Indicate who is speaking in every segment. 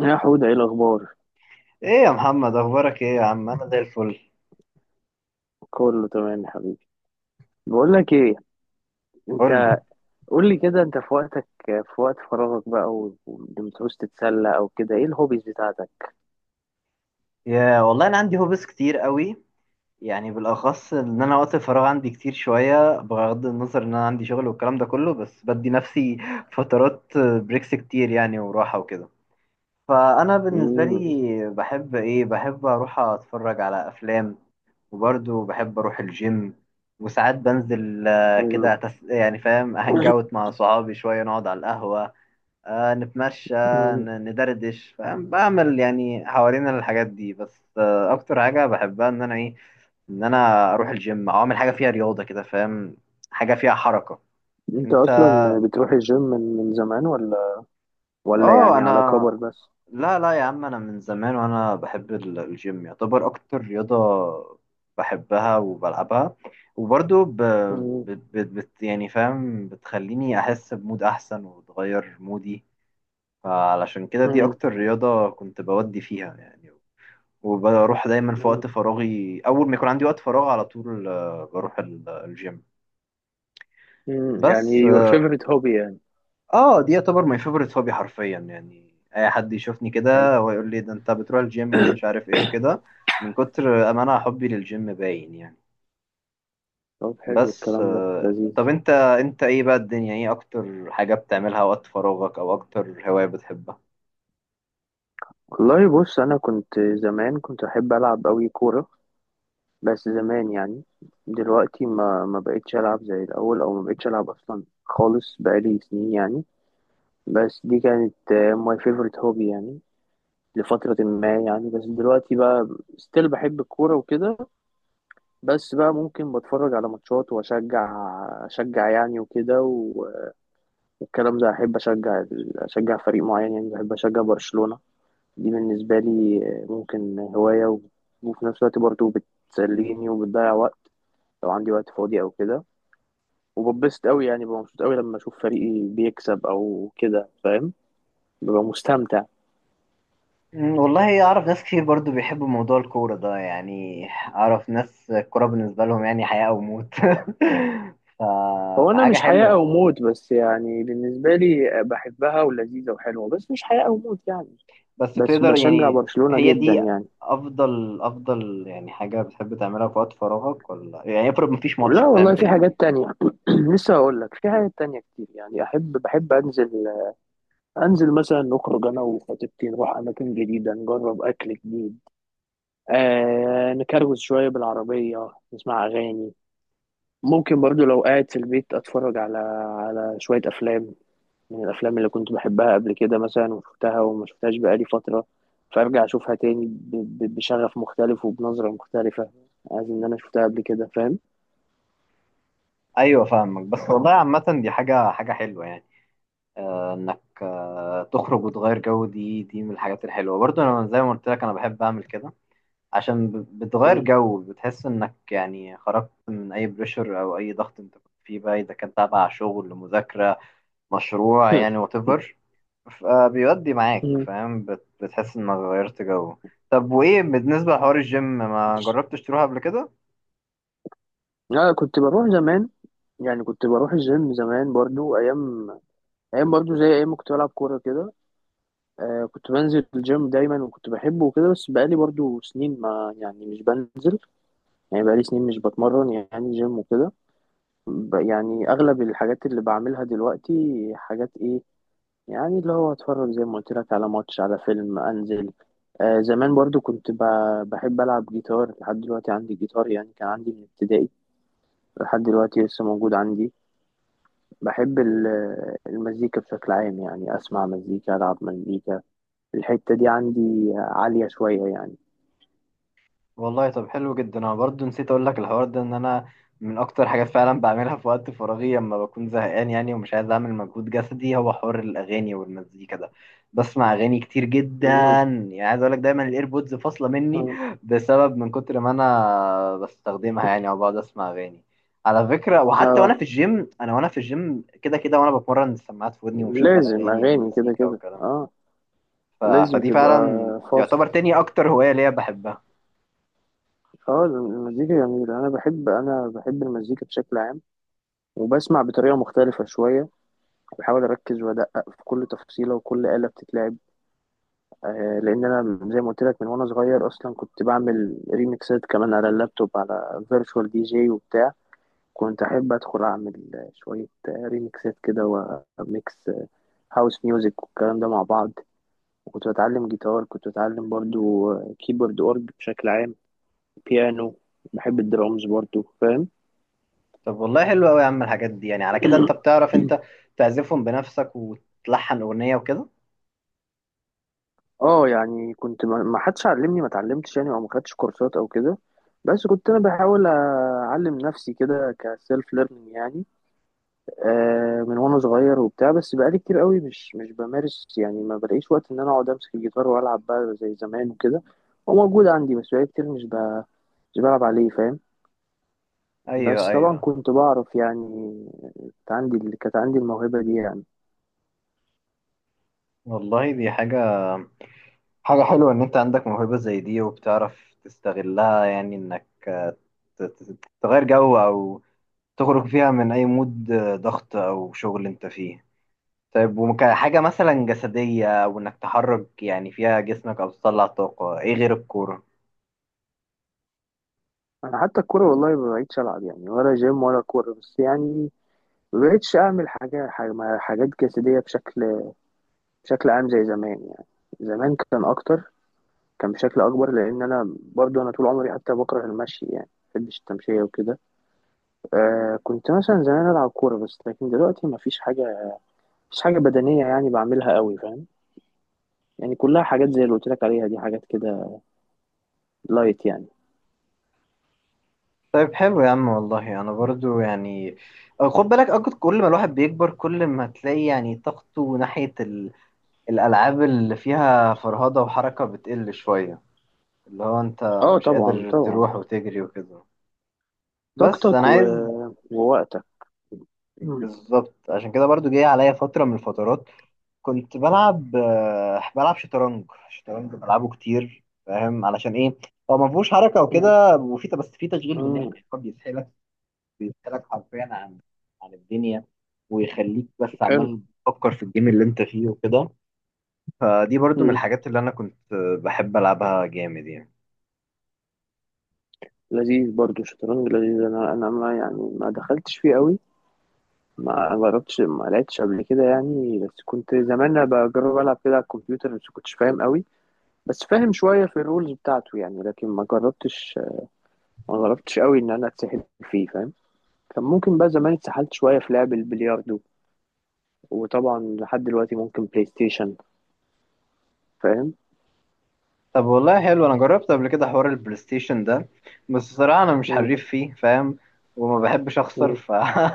Speaker 1: يا حودة، ايه الاخبار؟
Speaker 2: ايه يا محمد، اخبارك ايه يا عم؟ انا زي الفل.
Speaker 1: كله تمام يا حبيبي. بقول لك ايه،
Speaker 2: قول لي.
Speaker 1: انت. قول لي كده، انت في وقتك، في وقت فراغك بقى ولما تعوز تتسلى او كده، ايه الهوبيز بتاعتك؟
Speaker 2: يا والله انا عندي هوبس كتير قوي، يعني بالاخص ان انا وقت الفراغ عندي كتير شويه، بغض النظر ان انا عندي شغل والكلام ده كله، بس بدي نفسي فترات بريكس كتير يعني، وراحه وكده. فانا بالنسبه
Speaker 1: امم
Speaker 2: لي بحب ايه، بحب اروح اتفرج على افلام، وبرضه بحب اروح الجيم. وساعات بنزل،
Speaker 1: حلو.
Speaker 2: كده يعني فاهم، هانج اوت مع صحابي شويه، نقعد على القهوه، نتمشى، ندردش، فاهم، بعمل يعني حوالين الحاجات دي. بس اكتر حاجه بحبها ان انا ايه، ان انا اروح الجيم او اعمل حاجه فيها رياضه كده، فاهم، حاجه فيها حركه.
Speaker 1: انت
Speaker 2: انت.
Speaker 1: اصلا بتروح الجيم من زمان، ولا
Speaker 2: اه.
Speaker 1: يعني
Speaker 2: انا
Speaker 1: على كبر بس؟
Speaker 2: لا لا يا عم، انا من زمان وانا بحب الجيم، يعتبر اكتر رياضه بحبها وبلعبها. وبرضو
Speaker 1: مم.
Speaker 2: يعني فاهم، بتخليني احس بمود احسن وتغير مودي. فعلشان كده دي
Speaker 1: مم.
Speaker 2: اكتر رياضة كنت بودي فيها يعني. وبروح دايما في
Speaker 1: مم.
Speaker 2: وقت فراغي، اول ما يكون عندي وقت فراغ على طول بروح الجيم.
Speaker 1: مم.
Speaker 2: بس
Speaker 1: يعني your
Speaker 2: اه.
Speaker 1: favorite hobby يعني.
Speaker 2: دي يعتبر ماي فيفورت هوبي حرفيا، يعني اي حد يشوفني
Speaker 1: حلو.
Speaker 2: كده ويقول لي ده انت بتروح الجيم ومش عارف ايه وكده، من كتر ما انا حبي للجيم باين يعني.
Speaker 1: طب حلو،
Speaker 2: بس
Speaker 1: الكلام ده
Speaker 2: طب
Speaker 1: لذيذ.
Speaker 2: انت ايه بقى الدنيا، ايه اكتر حاجة بتعملها وقت فراغك، او اكتر هواية بتحبها؟
Speaker 1: والله بص، انا كنت زمان كنت احب العب قوي كوره، بس زمان يعني. دلوقتي ما بقتش ألعب زي الأول، أو ما بقتش ألعب أصلا خالص، بقالي سنين يعني. بس دي كانت ماي فيفورت هوبي يعني، لفترة ما يعني. بس دلوقتي بقى، ستيل بحب الكورة وكده، بس بقى ممكن بتفرج على ماتشات وأشجع يعني وكده والكلام ده. أحب أشجع أشجع فريق معين يعني، بحب أشجع برشلونة. دي بالنسبة لي ممكن هواية وفي نفس الوقت برضه بتسليني وبتضيع وقت لو عندي وقت فاضي أو كده. وببسط قوي يعني، ببقى مبسوط قوي لما اشوف فريقي بيكسب او كده، فاهم؟ ببقى مستمتع.
Speaker 2: مم، والله أعرف ناس كتير برضو بيحبوا موضوع الكورة ده، يعني أعرف ناس الكورة بالنسبة لهم يعني حياة أو موت ف...
Speaker 1: هو انا
Speaker 2: فحاجة
Speaker 1: مش حياة
Speaker 2: حلوة،
Speaker 1: او موت، بس يعني بالنسبة لي بحبها ولذيذة وحلوة، بس مش حياة او موت يعني.
Speaker 2: بس
Speaker 1: بس
Speaker 2: تقدر
Speaker 1: بشجع
Speaker 2: يعني.
Speaker 1: برشلونة
Speaker 2: هي
Speaker 1: جدا
Speaker 2: دي
Speaker 1: يعني.
Speaker 2: أفضل يعني حاجة بتحب تعملها في وقت فراغك، ولا يعني افرض مفيش ماتش
Speaker 1: لا والله،
Speaker 2: بتعمل
Speaker 1: في
Speaker 2: إيه؟
Speaker 1: حاجات تانية. لسه هقول لك، في حاجات تانية كتير يعني. بحب أنزل، مثلا نخرج أنا وخطيبتي، نروح أماكن جديدة، نجرب أكل جديد. آه، نكروز شوية بالعربية، نسمع أغاني. ممكن برضو لو قاعد في البيت اتفرج على شوية افلام، من الافلام اللي كنت بحبها قبل كده مثلا، وشفتها وما شفتهاش بقالي فترة، فارجع اشوفها تاني بشغف مختلف وبنظرة مختلفة. عايز ان انا شفتها قبل كده، فاهم؟
Speaker 2: أيوة، فاهمك. بس والله عامة دي حاجة حلوة يعني، إنك تخرج وتغير جو، دي من الحاجات الحلوة. برضو أنا زي ما قلت لك أنا بحب أعمل كده، عشان بتغير
Speaker 1: مم.
Speaker 2: جو، بتحس انك يعني خرجت من اي بريشر او اي ضغط انت كنت فيه بقى، اذا كان تابع شغل، مذاكرة، مشروع، يعني وات ايفر، فبيودي معاك،
Speaker 1: مم.
Speaker 2: فاهم، بتحس انك غيرت جو. طب وايه بالنسبة لحوار الجيم؟ ما جربتش تروح قبل كده؟
Speaker 1: لا، كنت بروح زمان يعني، كنت بروح الجيم زمان برضو، ايام ايام برضو زي ايام ما كنت بلعب كورة كده. آه، كنت بنزل الجيم دايما وكنت بحبه وكده، بس بقالي برضو سنين ما يعني مش بنزل، يعني بقالي سنين مش بتمرن يعني جيم وكده. يعني اغلب الحاجات اللي بعملها دلوقتي، حاجات ايه يعني؟ اللي هو اتفرج زي ما قلت لك على ماتش، على فيلم، انزل. آه زمان برضو كنت بحب العب جيتار، لحد دلوقتي عندي جيتار يعني، كان عندي من ابتدائي لحد دلوقتي لسه موجود عندي. بحب المزيكا بشكل عام يعني، اسمع مزيكا، العب مزيكا. الحتة دي عندي عالية شوية يعني.
Speaker 2: والله طب حلو جدا. انا برضو نسيت اقول لك الحوار ده، ان انا من اكتر حاجات فعلا بعملها في وقت فراغي لما بكون زهقان يعني، ومش عايز اعمل مجهود جسدي، هو حوار الاغاني والمزيكا ده. بسمع اغاني كتير جدا،
Speaker 1: مم.
Speaker 2: يعني عايز اقول لك دايما الايربودز فاصله مني،
Speaker 1: مم.
Speaker 2: بسبب من كتر ما انا بستخدمها يعني، او بقعد اسمع اغاني. على فكره، وحتى وانا
Speaker 1: اه
Speaker 2: في الجيم، انا وانا في الجيم كده كده وانا بتمرن، السماعات في ودني ومشغل
Speaker 1: لازم
Speaker 2: اغاني
Speaker 1: اغاني كده
Speaker 2: ومزيكا
Speaker 1: كده،
Speaker 2: والكلام
Speaker 1: اه.
Speaker 2: ده.
Speaker 1: لازم
Speaker 2: فدي
Speaker 1: تبقى
Speaker 2: فعلا
Speaker 1: فاصل.
Speaker 2: يعتبر تاني اكتر هوايه ليا بحبها.
Speaker 1: اه المزيكا جميلة، أنا بحب المزيكا بشكل عام، وبسمع بطريقة مختلفة شوية، بحاول أركز وأدقق في كل تفصيلة وكل آلة بتتلعب. آه، لأن أنا زي ما قلت لك، من وأنا صغير أصلا كنت بعمل ريميكسات كمان على اللابتوب، على فيرتشوال DJ وبتاع. كنت أحب أدخل أعمل شوية ريميكسات كده، وميكس هاوس ميوزك والكلام ده مع بعض. وكنت بتعلم جيتار، كنت بتعلم برضو كيبورد، أورج بشكل عام، بيانو. بحب الدرامز برضو، فاهم؟
Speaker 2: طب والله حلو قوي يا عم الحاجات دي يعني. على كده انت بتعرف انت تعزفهم بنفسك وتلحن اغنية وكده؟
Speaker 1: اه يعني كنت ما حدش علمني، ما اتعلمتش يعني، او ما خدتش كورسات او كده، بس كنت انا بحاول اعلم نفسي كده، كسيلف ليرنينج يعني. آه من وانا صغير وبتاع، بس بقالي كتير قوي مش بمارس يعني، ما بلاقيش وقت ان انا اقعد امسك الجيتار والعب بقى زي زمان وكده. هو موجود عندي بس بقالي كتير مش بلعب عليه، فاهم؟
Speaker 2: ايوه،
Speaker 1: بس طبعا
Speaker 2: ايوه.
Speaker 1: كنت بعرف يعني، كانت عندي اللي كانت عندي الموهبة دي يعني.
Speaker 2: والله دي حاجة حلوة، ان انت عندك موهبة زي دي وبتعرف تستغلها، يعني انك تغير جو، او تخرج فيها من اي مود ضغط او شغل انت فيه. طيب، وكحاجة مثلا جسدية وانك تحرك يعني فيها جسمك، او تطلع طاقة، ايه غير الكورة؟
Speaker 1: انا حتى الكورة والله ما بقيتش العب يعني، ولا جيم ولا كورة بس يعني. مبقتش أعمل حاجات جسدية بشكل عام زي زمان يعني. زمان كان أكتر، كان بشكل أكبر، لأن أنا برضو أنا طول عمري حتى بكره المشي يعني، مبحبش التمشية وكده. آه، كنت مثلا زمان ألعب كورة، بس لكن دلوقتي مفيش حاجة بدنية يعني بعملها قوي، فاهم؟ يعني كلها حاجات زي اللي قلت لك عليها، دي حاجات كده لايت يعني.
Speaker 2: طيب حلو يا عم. والله انا برضو يعني، خد بالك اكتر، كل ما الواحد بيكبر كل ما تلاقي يعني طاقته ناحية الالعاب اللي فيها فرهضة وحركة بتقل شوية، اللي هو انت
Speaker 1: اه
Speaker 2: مش
Speaker 1: طبعا
Speaker 2: قادر
Speaker 1: طبعا.
Speaker 2: تروح وتجري وكده، بس
Speaker 1: طاقتك
Speaker 2: انا
Speaker 1: و...
Speaker 2: عايز.
Speaker 1: ووقتك. مم.
Speaker 2: بالظبط، عشان كده برضو جاي عليا فترة من الفترات كنت بلعب، بلعب شطرنج. شطرنج بلعبه كتير، فاهم علشان ايه؟ هو ما فيهوش حركة
Speaker 1: مم.
Speaker 2: وكده، وفي بس في تشغيل دماغ،
Speaker 1: مم.
Speaker 2: يعني هو بيسحلك، بيسألك حرفيا عن الدنيا، ويخليك بس
Speaker 1: حلو.
Speaker 2: عمال تفكر في الجيم اللي انت فيه وكده. فدي برضو من الحاجات اللي انا كنت بحب العبها جامد يعني.
Speaker 1: لذيذ برضو الشطرنج، لذيذ. انا ما يعني ما دخلتش فيه قوي، ما جربتش، ما لعبتش قبل كده يعني، بس كنت زمان أنا بجرب العب كده على الكمبيوتر، بس كنتش فاهم قوي، بس فاهم شويه في الرولز بتاعته يعني. لكن ما جربتش، ما جربتش قوي ان انا اتسحل فيه، فاهم؟ كان ممكن بقى زمان اتسحلت شويه في لعب البلياردو. وطبعا لحد دلوقتي ممكن بلاي ستيشن، فاهم؟
Speaker 2: طب والله حلو. انا جربت قبل كده حوار البلاي ستيشن ده، بس الصراحة انا مش
Speaker 1: مم.
Speaker 2: حريف فيه، فاهم، وما بحبش اخسر،
Speaker 1: مم.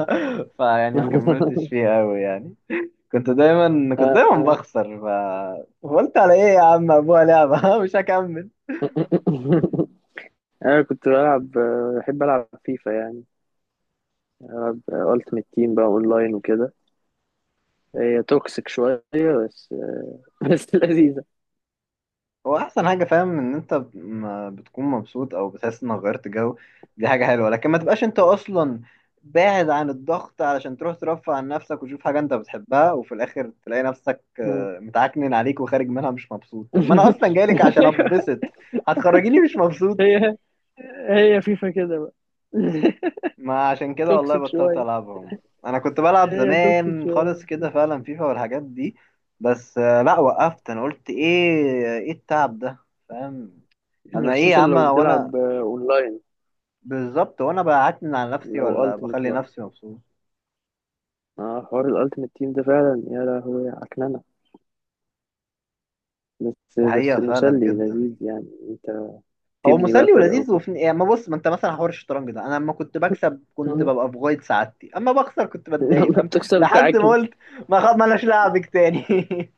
Speaker 2: فيعني ما كملتش فيه قوي يعني. كنت دايما بخسر، قلت على ايه يا عم، ابوها لعبة مش هكمل.
Speaker 1: انا كنت بلعب بحب العب فيفا يعني، ألعب ألتيمت تيم بقى أونلاين وكده. هي توكسيك شوية، بس بس لذيذة.
Speaker 2: هو احسن حاجه، فاهم، ان انت ما بتكون مبسوط او بتحس انك غيرت جو، دي حاجه حلوه. لكن ما تبقاش انت اصلا باعد عن الضغط علشان تروح ترفع عن نفسك وتشوف حاجه انت بتحبها، وفي الاخر تلاقي نفسك
Speaker 1: مم.
Speaker 2: متعكنن عليك، وخارج منها مش مبسوط. طب ما انا اصلا جايلك عشان اتبسط، هتخرجيني مش مبسوط؟
Speaker 1: هي هي فيفا كده بقى.
Speaker 2: ما عشان كده والله
Speaker 1: توكسيك
Speaker 2: بطلت
Speaker 1: شوية.
Speaker 2: العبهم. انا كنت بلعب
Speaker 1: هي توكسيك
Speaker 2: زمان
Speaker 1: شوية،
Speaker 2: خالص كده فعلا فيفا والحاجات دي، بس لا وقفت. انا قلت ايه التعب ده، فاهم؟ انا ايه يا
Speaker 1: خصوصا
Speaker 2: عم
Speaker 1: لو
Speaker 2: وانا.
Speaker 1: بتلعب آه، أونلاين.
Speaker 2: بالظبط، وانا بعتمد على نفسي،
Speaker 1: لو
Speaker 2: ولا
Speaker 1: ألتيمت
Speaker 2: بخلي
Speaker 1: بقى
Speaker 2: نفسي مبسوط؟
Speaker 1: آه، حوار الألتيمت تيم ده فعلا يا لهوي عكننة، بس
Speaker 2: الحقيقه فعلا
Speaker 1: مسلي
Speaker 2: جدا.
Speaker 1: لذيذ يعني. أنت
Speaker 2: هو
Speaker 1: تبني بقى
Speaker 2: مسلي
Speaker 1: فرقة
Speaker 2: ولذيذ
Speaker 1: وكده.
Speaker 2: وفي يعني، ما بص، ما انت مثلا حوار الشطرنج ده انا لما كنت بكسب كنت
Speaker 1: مم.
Speaker 2: ببقى في غايه سعادتي، اما بخسر كنت بتضايق،
Speaker 1: يلا
Speaker 2: فاهم.
Speaker 1: بتخسر
Speaker 2: لحد
Speaker 1: بتاعك.
Speaker 2: ما قلت ما خ... مالناش لعبك تاني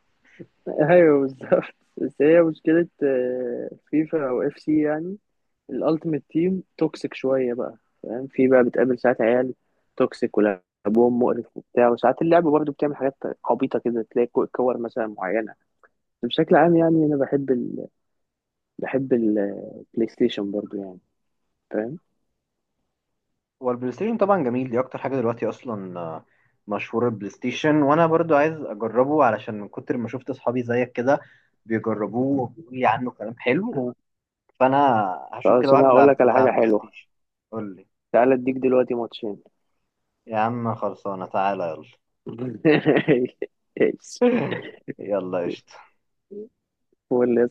Speaker 1: ايوه بالظبط، بس هي مشكلة آه، فيفا او FC يعني، الالتيميت تيم توكسيك شوية بقى، فاهم؟ في بقى بتقابل ساعات عيال توكسيك، ولعبهم مقرف وبتاع. وساعات اللعبة برضو بتعمل حاجات عبيطة كده، تلاقي كور مثلا معينة. بس بشكل عام يعني، انا بحب بحب البلاي ستيشن برضو يعني، فاهم؟
Speaker 2: هو البلاي ستيشن طبعا جميل، دي اكتر حاجه دلوقتي اصلا مشهور البلاي ستيشن، وانا برضو عايز اجربه، علشان من كتر ما شفت اصحابي زيك كده بيجربوه وبيقولوا لي عنه كلام حلو.
Speaker 1: آه.
Speaker 2: فانا هشوف كده
Speaker 1: خلاص،
Speaker 2: واحد
Speaker 1: انا هقول
Speaker 2: بيلعب
Speaker 1: لك على
Speaker 2: بتاع
Speaker 1: حاجة
Speaker 2: بلاي
Speaker 1: حلوة.
Speaker 2: ستيشن. قول لي.
Speaker 1: تعالى اديك دلوقتي ماتشين.
Speaker 2: يا عم خلصانة، تعالى.
Speaker 1: ايش؟
Speaker 2: يلا يلا قشطة.
Speaker 1: قول لي يا صاحبي.